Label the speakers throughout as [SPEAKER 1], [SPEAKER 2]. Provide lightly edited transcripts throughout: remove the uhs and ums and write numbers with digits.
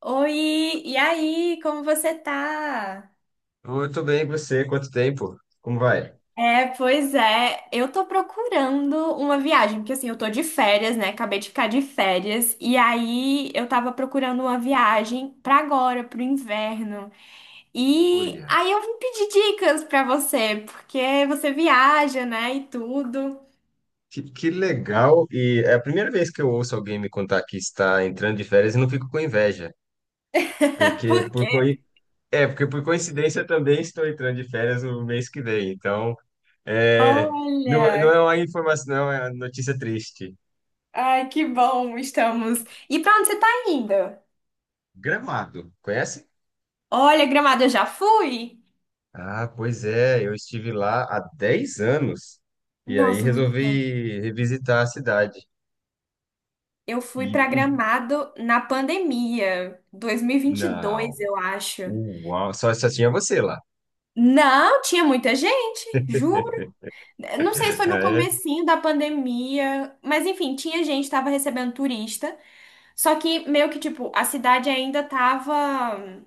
[SPEAKER 1] Oi, e aí, como você tá?
[SPEAKER 2] Muito bem, e você? Quanto tempo? Como vai?
[SPEAKER 1] É, pois é. Eu tô procurando uma viagem, porque assim, eu tô de férias, né? Acabei de ficar de férias. E aí eu tava procurando uma viagem pra agora, pro inverno. E
[SPEAKER 2] Olha,
[SPEAKER 1] aí eu vim pedir dicas pra você, porque você viaja, né? E tudo.
[SPEAKER 2] Que legal! E é a primeira vez que eu ouço alguém me contar que está entrando de férias e não fico com inveja, porque
[SPEAKER 1] Porque,
[SPEAKER 2] por coi- porque por coincidência eu também estou entrando de férias no mês que vem. Então, é, não
[SPEAKER 1] olha,
[SPEAKER 2] é uma informação, não é uma notícia triste.
[SPEAKER 1] ai, que bom estamos. E pra onde você tá indo?
[SPEAKER 2] Gramado, conhece?
[SPEAKER 1] Olha, Gramado, eu já fui.
[SPEAKER 2] Ah, pois é, eu estive lá há 10 anos e aí
[SPEAKER 1] Nossa, muito tempo.
[SPEAKER 2] resolvi revisitar a cidade.
[SPEAKER 1] Eu fui
[SPEAKER 2] E,
[SPEAKER 1] pra
[SPEAKER 2] e-
[SPEAKER 1] Gramado na pandemia, dois mil e vinte e
[SPEAKER 2] não.
[SPEAKER 1] dois, eu acho.
[SPEAKER 2] Uau, só tinha você lá.
[SPEAKER 1] Não, tinha muita gente, juro. Não sei se foi no
[SPEAKER 2] É,
[SPEAKER 1] comecinho da pandemia, mas enfim, tinha gente, tava recebendo turista. Só que meio que tipo, a cidade ainda tava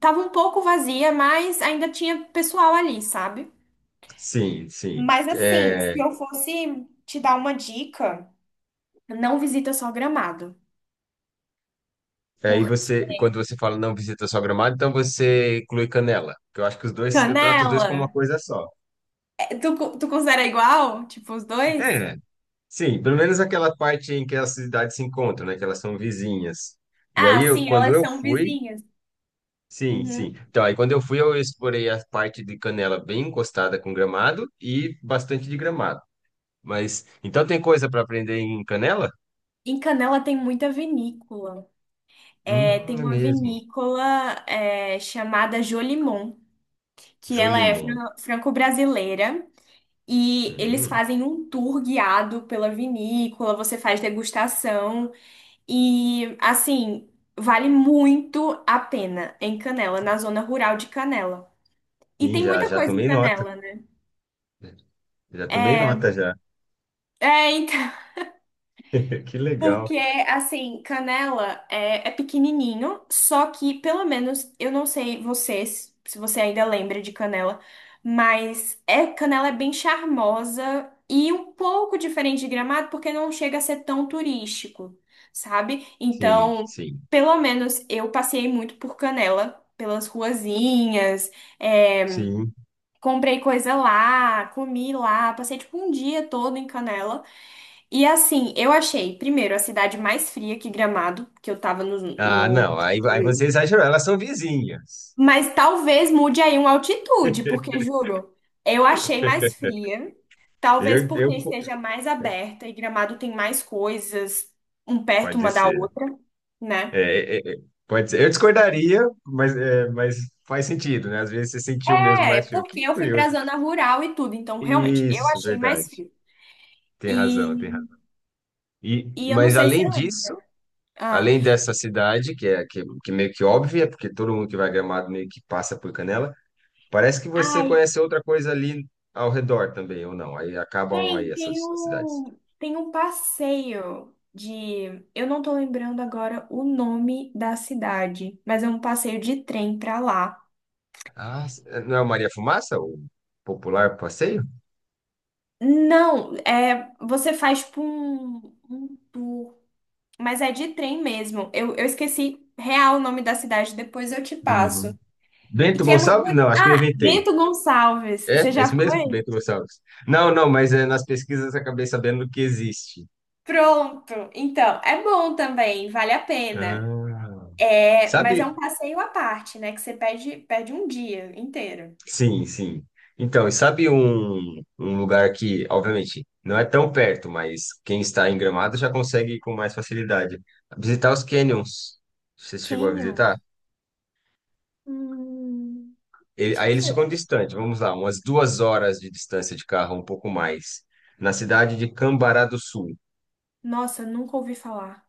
[SPEAKER 1] tava um pouco vazia, mas ainda tinha pessoal ali, sabe?
[SPEAKER 2] sim, sim.
[SPEAKER 1] Mas assim, se
[SPEAKER 2] É,
[SPEAKER 1] eu fosse te dar uma dica, não visita só Gramado,
[SPEAKER 2] aí
[SPEAKER 1] porque
[SPEAKER 2] você, quando você fala não visita só Gramado, então você inclui Canela, que eu acho que os dois, eu trato os dois como uma
[SPEAKER 1] Canela.
[SPEAKER 2] coisa só.
[SPEAKER 1] Tu considera igual? Tipo, os dois?
[SPEAKER 2] É, sim, pelo menos aquela parte em que as cidades se encontram, né, que elas são vizinhas. E aí,
[SPEAKER 1] Ah,
[SPEAKER 2] eu,
[SPEAKER 1] sim,
[SPEAKER 2] quando
[SPEAKER 1] elas
[SPEAKER 2] eu
[SPEAKER 1] são
[SPEAKER 2] fui,
[SPEAKER 1] vizinhas.
[SPEAKER 2] sim,
[SPEAKER 1] Uhum.
[SPEAKER 2] sim. Então, aí quando eu fui, eu explorei a parte de Canela bem encostada com Gramado e bastante de Gramado. Mas, então tem coisa para aprender em Canela?
[SPEAKER 1] Em Canela tem muita vinícola. É, tem
[SPEAKER 2] É
[SPEAKER 1] uma
[SPEAKER 2] mesmo.
[SPEAKER 1] vinícola é, chamada Jolimon, que ela é
[SPEAKER 2] Jolimon.
[SPEAKER 1] franco-brasileira. E eles
[SPEAKER 2] Hum,
[SPEAKER 1] fazem um tour guiado pela vinícola, você faz degustação. E, assim, vale muito a pena em Canela, na zona rural de Canela. E
[SPEAKER 2] sim,
[SPEAKER 1] tem
[SPEAKER 2] já,
[SPEAKER 1] muita
[SPEAKER 2] já
[SPEAKER 1] coisa em
[SPEAKER 2] tomei nota.
[SPEAKER 1] Canela, né?
[SPEAKER 2] Já tomei
[SPEAKER 1] É,
[SPEAKER 2] nota já.
[SPEAKER 1] é, então.
[SPEAKER 2] Que legal.
[SPEAKER 1] Porque, assim, canela é, é pequenininho, só que, pelo menos, eu não sei vocês, se você ainda lembra de canela, mas é, canela é bem charmosa e um pouco diferente de Gramado, porque não chega a ser tão turístico, sabe?
[SPEAKER 2] Sim,
[SPEAKER 1] Então,
[SPEAKER 2] sim,
[SPEAKER 1] pelo menos, eu passei muito por Canela, pelas ruazinhas, é,
[SPEAKER 2] sim.
[SPEAKER 1] comprei coisa lá, comi lá, passei, tipo, um dia todo em Canela. E assim, eu achei, primeiro, a cidade mais fria que Gramado, que eu tava no,
[SPEAKER 2] Ah,
[SPEAKER 1] no...
[SPEAKER 2] não, aí, aí você exagerou. Elas são vizinhas.
[SPEAKER 1] Mas talvez mude aí uma altitude, porque juro, eu achei mais fria. Talvez
[SPEAKER 2] Eu, eu,
[SPEAKER 1] porque esteja mais aberta e Gramado tem mais coisas um perto
[SPEAKER 2] pode
[SPEAKER 1] uma da
[SPEAKER 2] ser.
[SPEAKER 1] outra, né?
[SPEAKER 2] É, é, é, pode ser. Eu discordaria, mas faz sentido, né? Às vezes você sentiu mesmo
[SPEAKER 1] É,
[SPEAKER 2] mais frio.
[SPEAKER 1] porque
[SPEAKER 2] Que
[SPEAKER 1] eu fui
[SPEAKER 2] curioso.
[SPEAKER 1] pra zona rural e tudo, então realmente eu
[SPEAKER 2] Isso,
[SPEAKER 1] achei mais
[SPEAKER 2] verdade.
[SPEAKER 1] frio.
[SPEAKER 2] Tem razão, tem
[SPEAKER 1] E,
[SPEAKER 2] razão. E,
[SPEAKER 1] e eu não
[SPEAKER 2] mas
[SPEAKER 1] sei se
[SPEAKER 2] além
[SPEAKER 1] você
[SPEAKER 2] disso,
[SPEAKER 1] lembra. Ah,
[SPEAKER 2] além dessa cidade, que é que meio que óbvia, porque todo mundo que vai a Gramado meio que passa por Canela, parece que você
[SPEAKER 1] ai,
[SPEAKER 2] conhece outra coisa ali ao redor também, ou não? Aí acabam aí
[SPEAKER 1] tem, tem
[SPEAKER 2] essas as cidades.
[SPEAKER 1] um, tem um passeio de... Eu não tô lembrando agora o nome da cidade, mas é um passeio de trem pra lá.
[SPEAKER 2] Não é o Maria Fumaça, o popular passeio?
[SPEAKER 1] Não, é, você faz tipo um, um tour, mas é de trem mesmo. Eu esqueci real o nome da cidade, depois eu te passo.
[SPEAKER 2] Uhum.
[SPEAKER 1] E
[SPEAKER 2] Bento
[SPEAKER 1] que é muito
[SPEAKER 2] Gonçalves?
[SPEAKER 1] bonito.
[SPEAKER 2] Não, acho que eu
[SPEAKER 1] Ah,
[SPEAKER 2] inventei.
[SPEAKER 1] Bento Gonçalves,
[SPEAKER 2] É?
[SPEAKER 1] você
[SPEAKER 2] É
[SPEAKER 1] já
[SPEAKER 2] isso mesmo?
[SPEAKER 1] foi?
[SPEAKER 2] Bento Gonçalves. Não, não, mas é, nas pesquisas eu acabei sabendo que existe.
[SPEAKER 1] Pronto, então, é bom também, vale a pena.
[SPEAKER 2] Ah.
[SPEAKER 1] É, mas é
[SPEAKER 2] Sabe?
[SPEAKER 1] um passeio à parte, né? Que você perde, perde um dia inteiro.
[SPEAKER 2] Sim, sim. Então, e sabe um lugar que, obviamente, não é tão perto, mas quem está em Gramado já consegue ir com mais facilidade. Visitar os canyons. Você chegou a
[SPEAKER 1] Canyon?
[SPEAKER 2] visitar?
[SPEAKER 1] Hum,
[SPEAKER 2] Ele-
[SPEAKER 1] de
[SPEAKER 2] aí
[SPEAKER 1] quê?
[SPEAKER 2] eles ficam distantes, vamos lá, umas 2 horas de distância de carro, um pouco mais, na cidade de Cambará do Sul.
[SPEAKER 1] Nossa, nunca ouvi falar.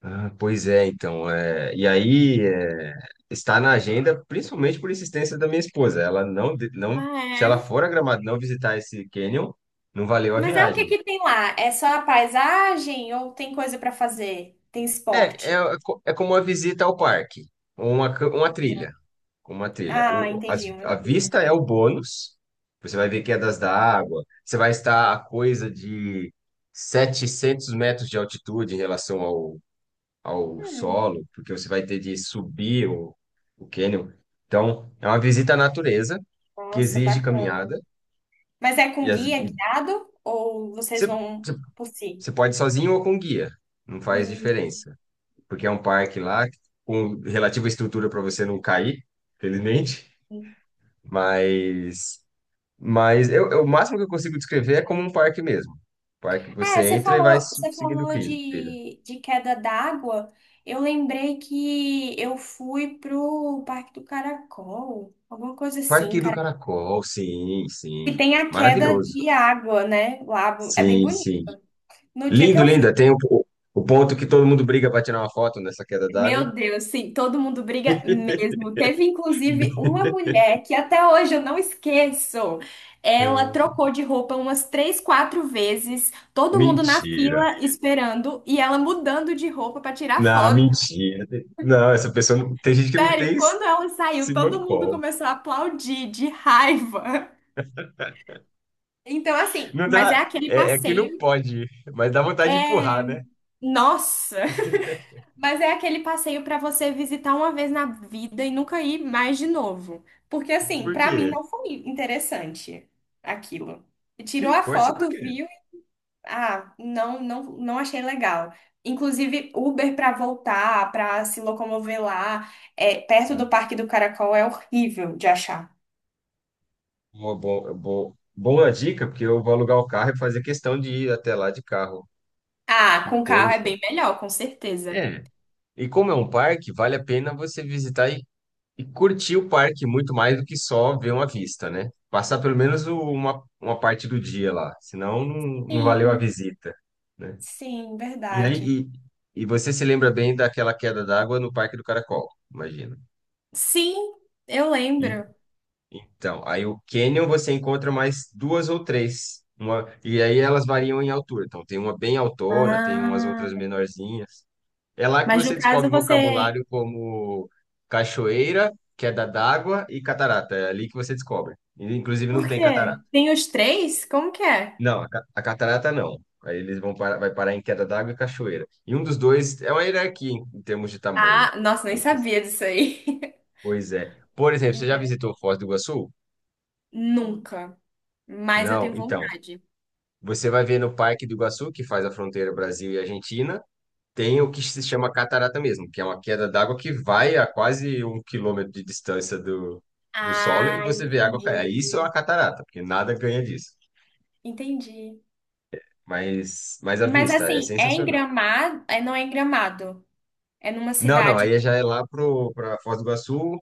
[SPEAKER 2] Ah, pois é, então. E aí é, está na agenda, principalmente por insistência da minha esposa. Ela não, de- Não,
[SPEAKER 1] Ah,
[SPEAKER 2] se ela
[SPEAKER 1] é?
[SPEAKER 2] for a Gramado e não visitar esse canyon, não valeu a
[SPEAKER 1] Mas é o que
[SPEAKER 2] viagem.
[SPEAKER 1] que tem lá? É só a paisagem ou tem coisa pra fazer? Tem esporte?
[SPEAKER 2] É como uma visita ao parque, ou uma
[SPEAKER 1] Não.
[SPEAKER 2] trilha. Com uma trilha.
[SPEAKER 1] Ah, entendi, uma
[SPEAKER 2] A
[SPEAKER 1] trilha.
[SPEAKER 2] vista é o bônus. Você vai ver quedas d'água. Você vai estar a coisa de 700 metros de altitude em relação ao, ao
[SPEAKER 1] Hum,
[SPEAKER 2] solo, porque você vai ter de subir o cânion. Então, é uma visita à natureza que
[SPEAKER 1] nossa,
[SPEAKER 2] exige
[SPEAKER 1] bacana.
[SPEAKER 2] caminhada.
[SPEAKER 1] Mas é
[SPEAKER 2] E,
[SPEAKER 1] com
[SPEAKER 2] as,
[SPEAKER 1] guia,
[SPEAKER 2] e
[SPEAKER 1] guiado ou vocês
[SPEAKER 2] você,
[SPEAKER 1] vão
[SPEAKER 2] você,
[SPEAKER 1] por si?
[SPEAKER 2] você pode ir sozinho ou com guia. Não faz diferença. Porque é um parque lá com relativa estrutura para você não cair, felizmente.
[SPEAKER 1] Hum.
[SPEAKER 2] Mas. Mas o máximo que eu consigo descrever é como um parque mesmo. Parque, que
[SPEAKER 1] É,
[SPEAKER 2] você entra e vai
[SPEAKER 1] você
[SPEAKER 2] seguindo o
[SPEAKER 1] falou
[SPEAKER 2] trilha.
[SPEAKER 1] de queda d'água. Eu lembrei que eu fui pro Parque do Caracol, alguma coisa assim,
[SPEAKER 2] Parque do
[SPEAKER 1] cara.
[SPEAKER 2] Caracol, sim,
[SPEAKER 1] E
[SPEAKER 2] sim.
[SPEAKER 1] tem a queda
[SPEAKER 2] Maravilhoso.
[SPEAKER 1] de água, né? Lá é bem
[SPEAKER 2] Sim,
[SPEAKER 1] bonito.
[SPEAKER 2] sim.
[SPEAKER 1] No dia que
[SPEAKER 2] Lindo,
[SPEAKER 1] eu fui,
[SPEAKER 2] lindo. Tem o ponto que todo mundo briga para tirar uma foto nessa queda d'água.
[SPEAKER 1] meu Deus, sim, todo mundo briga mesmo. Teve inclusive uma mulher que até hoje eu não esqueço. Ela trocou de roupa umas três, quatro vezes, todo mundo na
[SPEAKER 2] Mentira.
[SPEAKER 1] fila esperando e ela mudando de roupa para tirar
[SPEAKER 2] Não,
[SPEAKER 1] foto.
[SPEAKER 2] mentira. Não, essa pessoa não, tem gente que não
[SPEAKER 1] Sério,
[SPEAKER 2] tem
[SPEAKER 1] quando ela saiu,
[SPEAKER 2] esse
[SPEAKER 1] todo mundo
[SPEAKER 2] mancol.
[SPEAKER 1] começou a aplaudir de raiva. Então, assim,
[SPEAKER 2] Não
[SPEAKER 1] mas
[SPEAKER 2] dá,
[SPEAKER 1] é aquele
[SPEAKER 2] é que não
[SPEAKER 1] passeio.
[SPEAKER 2] pode, mas dá vontade de empurrar, né?
[SPEAKER 1] Nossa! Mas é aquele passeio pra você visitar uma vez na vida e nunca ir mais de novo. Porque, assim,
[SPEAKER 2] Por
[SPEAKER 1] pra mim
[SPEAKER 2] quê?
[SPEAKER 1] não foi interessante aquilo. Tirou
[SPEAKER 2] Que
[SPEAKER 1] a
[SPEAKER 2] coisa, por
[SPEAKER 1] foto,
[SPEAKER 2] quê?
[SPEAKER 1] viu? Ah, não, não, não achei legal. Inclusive, Uber pra voltar, pra se locomover lá, é, perto do Parque do Caracol, é horrível de achar.
[SPEAKER 2] Uma boa, boa, boa dica, porque eu vou alugar o carro e fazer questão de ir até lá de carro.
[SPEAKER 1] Ah,
[SPEAKER 2] Que
[SPEAKER 1] com carro é
[SPEAKER 2] coisa.
[SPEAKER 1] bem melhor, com certeza.
[SPEAKER 2] É. E como é um parque, vale a pena você visitar e curtir o parque muito mais do que só ver uma vista, né? Passar pelo menos uma parte do dia lá, senão não valeu a
[SPEAKER 1] Sim,
[SPEAKER 2] visita, né?
[SPEAKER 1] sim,
[SPEAKER 2] E aí,
[SPEAKER 1] verdade.
[SPEAKER 2] e, e você se lembra bem daquela queda d'água no Parque do Caracol, imagina.
[SPEAKER 1] Sim, eu lembro.
[SPEAKER 2] Então, aí o cânion você encontra mais duas ou três. Uma, e aí elas variam em altura. Então, tem uma bem altona, tem umas outras
[SPEAKER 1] Ah,
[SPEAKER 2] menorzinhas. É lá que
[SPEAKER 1] mas no
[SPEAKER 2] você
[SPEAKER 1] caso
[SPEAKER 2] descobre
[SPEAKER 1] você...
[SPEAKER 2] vocabulário como cachoeira, queda d'água e catarata. É ali que você descobre. E, inclusive, não
[SPEAKER 1] Por
[SPEAKER 2] tem
[SPEAKER 1] quê?
[SPEAKER 2] catarata.
[SPEAKER 1] Tem os três? Como que é?
[SPEAKER 2] Não, a, ca- A catarata não. Aí eles vão parar, vai parar em queda d'água e cachoeira. E um dos dois é uma hierarquia em termos de tamanho.
[SPEAKER 1] Ah, nossa,
[SPEAKER 2] Eu
[SPEAKER 1] nem
[SPEAKER 2] esqueci.
[SPEAKER 1] sabia disso aí.
[SPEAKER 2] Pois é. Por exemplo, você já visitou Foz do Iguaçu?
[SPEAKER 1] Nunca. Mas eu
[SPEAKER 2] Não,
[SPEAKER 1] tenho
[SPEAKER 2] então.
[SPEAKER 1] vontade.
[SPEAKER 2] Você vai ver no Parque do Iguaçu, que faz a fronteira Brasil e Argentina, tem o que se chama catarata mesmo, que é uma queda d'água que vai a quase 1 quilômetro de distância do solo e
[SPEAKER 1] Ah,
[SPEAKER 2] você vê a água cair.
[SPEAKER 1] entendi.
[SPEAKER 2] Aí isso é uma catarata, porque nada ganha disso.
[SPEAKER 1] Entendi.
[SPEAKER 2] Mas a
[SPEAKER 1] Mas
[SPEAKER 2] vista é
[SPEAKER 1] assim, é em
[SPEAKER 2] sensacional.
[SPEAKER 1] Gramado? É, não é em Gramado. É numa
[SPEAKER 2] Não, não,
[SPEAKER 1] cidade.
[SPEAKER 2] aí já é pra Foz do Iguaçu,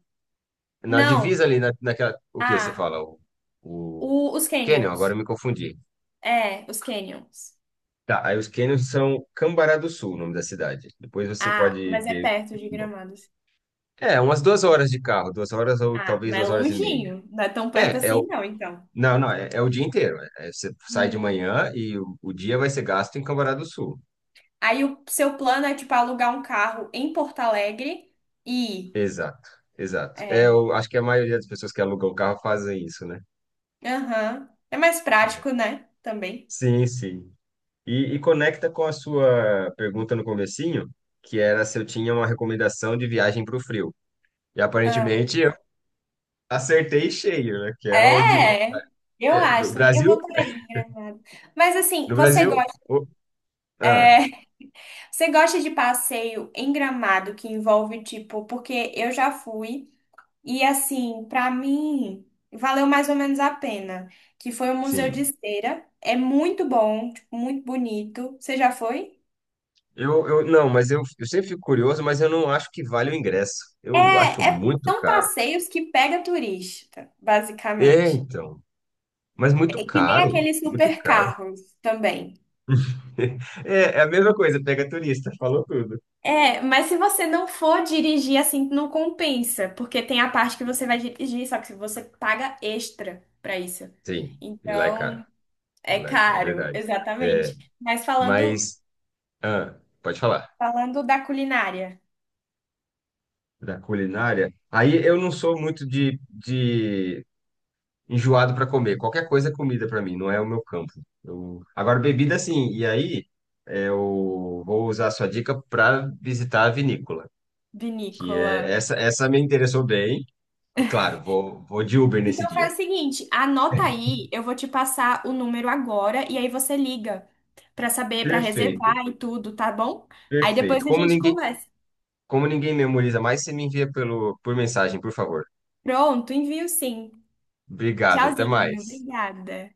[SPEAKER 2] na
[SPEAKER 1] Não.
[SPEAKER 2] divisa ali, naquela. O que você
[SPEAKER 1] Ah,
[SPEAKER 2] fala? O
[SPEAKER 1] os
[SPEAKER 2] Canyon, agora
[SPEAKER 1] Canyons.
[SPEAKER 2] eu me confundi.
[SPEAKER 1] É, os Canyons.
[SPEAKER 2] Tá, aí os canyons são Cambará do Sul, o nome da cidade. Depois você
[SPEAKER 1] Ah,
[SPEAKER 2] pode
[SPEAKER 1] mas é
[SPEAKER 2] ver
[SPEAKER 1] perto de Gramados.
[SPEAKER 2] é, umas 2 horas de carro, 2 horas ou
[SPEAKER 1] Ah,
[SPEAKER 2] talvez
[SPEAKER 1] mas é
[SPEAKER 2] 2 horas e meia.
[SPEAKER 1] longinho. Não é tão perto
[SPEAKER 2] É, é
[SPEAKER 1] assim,
[SPEAKER 2] o,
[SPEAKER 1] não, então.
[SPEAKER 2] não, não, é o dia inteiro. Você sai de
[SPEAKER 1] Hum.
[SPEAKER 2] manhã e o dia vai ser gasto em Cambará do Sul.
[SPEAKER 1] Aí o seu plano é, tipo, alugar um carro em Porto Alegre e...
[SPEAKER 2] Exato, exato. É,
[SPEAKER 1] É.
[SPEAKER 2] eu acho que a maioria das pessoas que alugam o carro fazem isso, né?
[SPEAKER 1] Aham. É mais prático, né? Também.
[SPEAKER 2] Sim, sim. E conecta com a sua pergunta no comecinho, que era se eu tinha uma recomendação de viagem para o frio. E
[SPEAKER 1] Ah,
[SPEAKER 2] aparentemente eu acertei cheio, né? Que é onde...
[SPEAKER 1] é! Eu
[SPEAKER 2] É, no
[SPEAKER 1] acho também. Eu
[SPEAKER 2] Brasil,
[SPEAKER 1] voltaria em Gramado. Mas assim,
[SPEAKER 2] no Brasil... o- ah,
[SPEAKER 1] você gosta de passeio em Gramado que envolve, tipo, porque eu já fui. E assim, para mim, valeu mais ou menos a pena, que foi o Museu de
[SPEAKER 2] sim.
[SPEAKER 1] Cera. É muito bom, tipo, muito bonito. Você já foi?
[SPEAKER 2] Não, mas eu sempre fico curioso, mas eu não acho que vale o ingresso. Eu acho
[SPEAKER 1] É,
[SPEAKER 2] muito
[SPEAKER 1] são
[SPEAKER 2] caro.
[SPEAKER 1] passeios que pega turista,
[SPEAKER 2] É,
[SPEAKER 1] basicamente.
[SPEAKER 2] então. Mas muito
[SPEAKER 1] É que nem
[SPEAKER 2] caro,
[SPEAKER 1] aqueles
[SPEAKER 2] muito caro.
[SPEAKER 1] supercarros também.
[SPEAKER 2] É, é a mesma coisa, pega turista, falou tudo.
[SPEAKER 1] É, mas se você não for dirigir assim, não compensa, porque tem a parte que você vai dirigir, só que você paga extra pra isso.
[SPEAKER 2] Sim, e lá é caro.
[SPEAKER 1] Então,
[SPEAKER 2] E
[SPEAKER 1] é
[SPEAKER 2] lá é, é
[SPEAKER 1] caro,
[SPEAKER 2] verdade. É,
[SPEAKER 1] exatamente. Mas falando,
[SPEAKER 2] mas, ah, pode falar.
[SPEAKER 1] falando da culinária.
[SPEAKER 2] Da culinária. Aí eu não sou muito de enjoado para comer. Qualquer coisa é comida para mim, não é o meu campo. Agora, bebida, sim. E aí, é, eu vou usar a sua dica para visitar a vinícola, que
[SPEAKER 1] Vinícola.
[SPEAKER 2] é essa me interessou bem. E claro, vou de Uber nesse
[SPEAKER 1] Então
[SPEAKER 2] dia.
[SPEAKER 1] faz o seguinte, anota aí, eu vou te passar o número agora e aí você liga pra saber, pra
[SPEAKER 2] Perfeito,
[SPEAKER 1] reservar e tudo, tá bom? Aí depois
[SPEAKER 2] perfeito.
[SPEAKER 1] a gente conversa.
[SPEAKER 2] Como ninguém memoriza mais, você me envia por mensagem, por favor.
[SPEAKER 1] Pronto, envio sim.
[SPEAKER 2] Obrigado, até
[SPEAKER 1] Tchauzinho,
[SPEAKER 2] mais.
[SPEAKER 1] obrigada.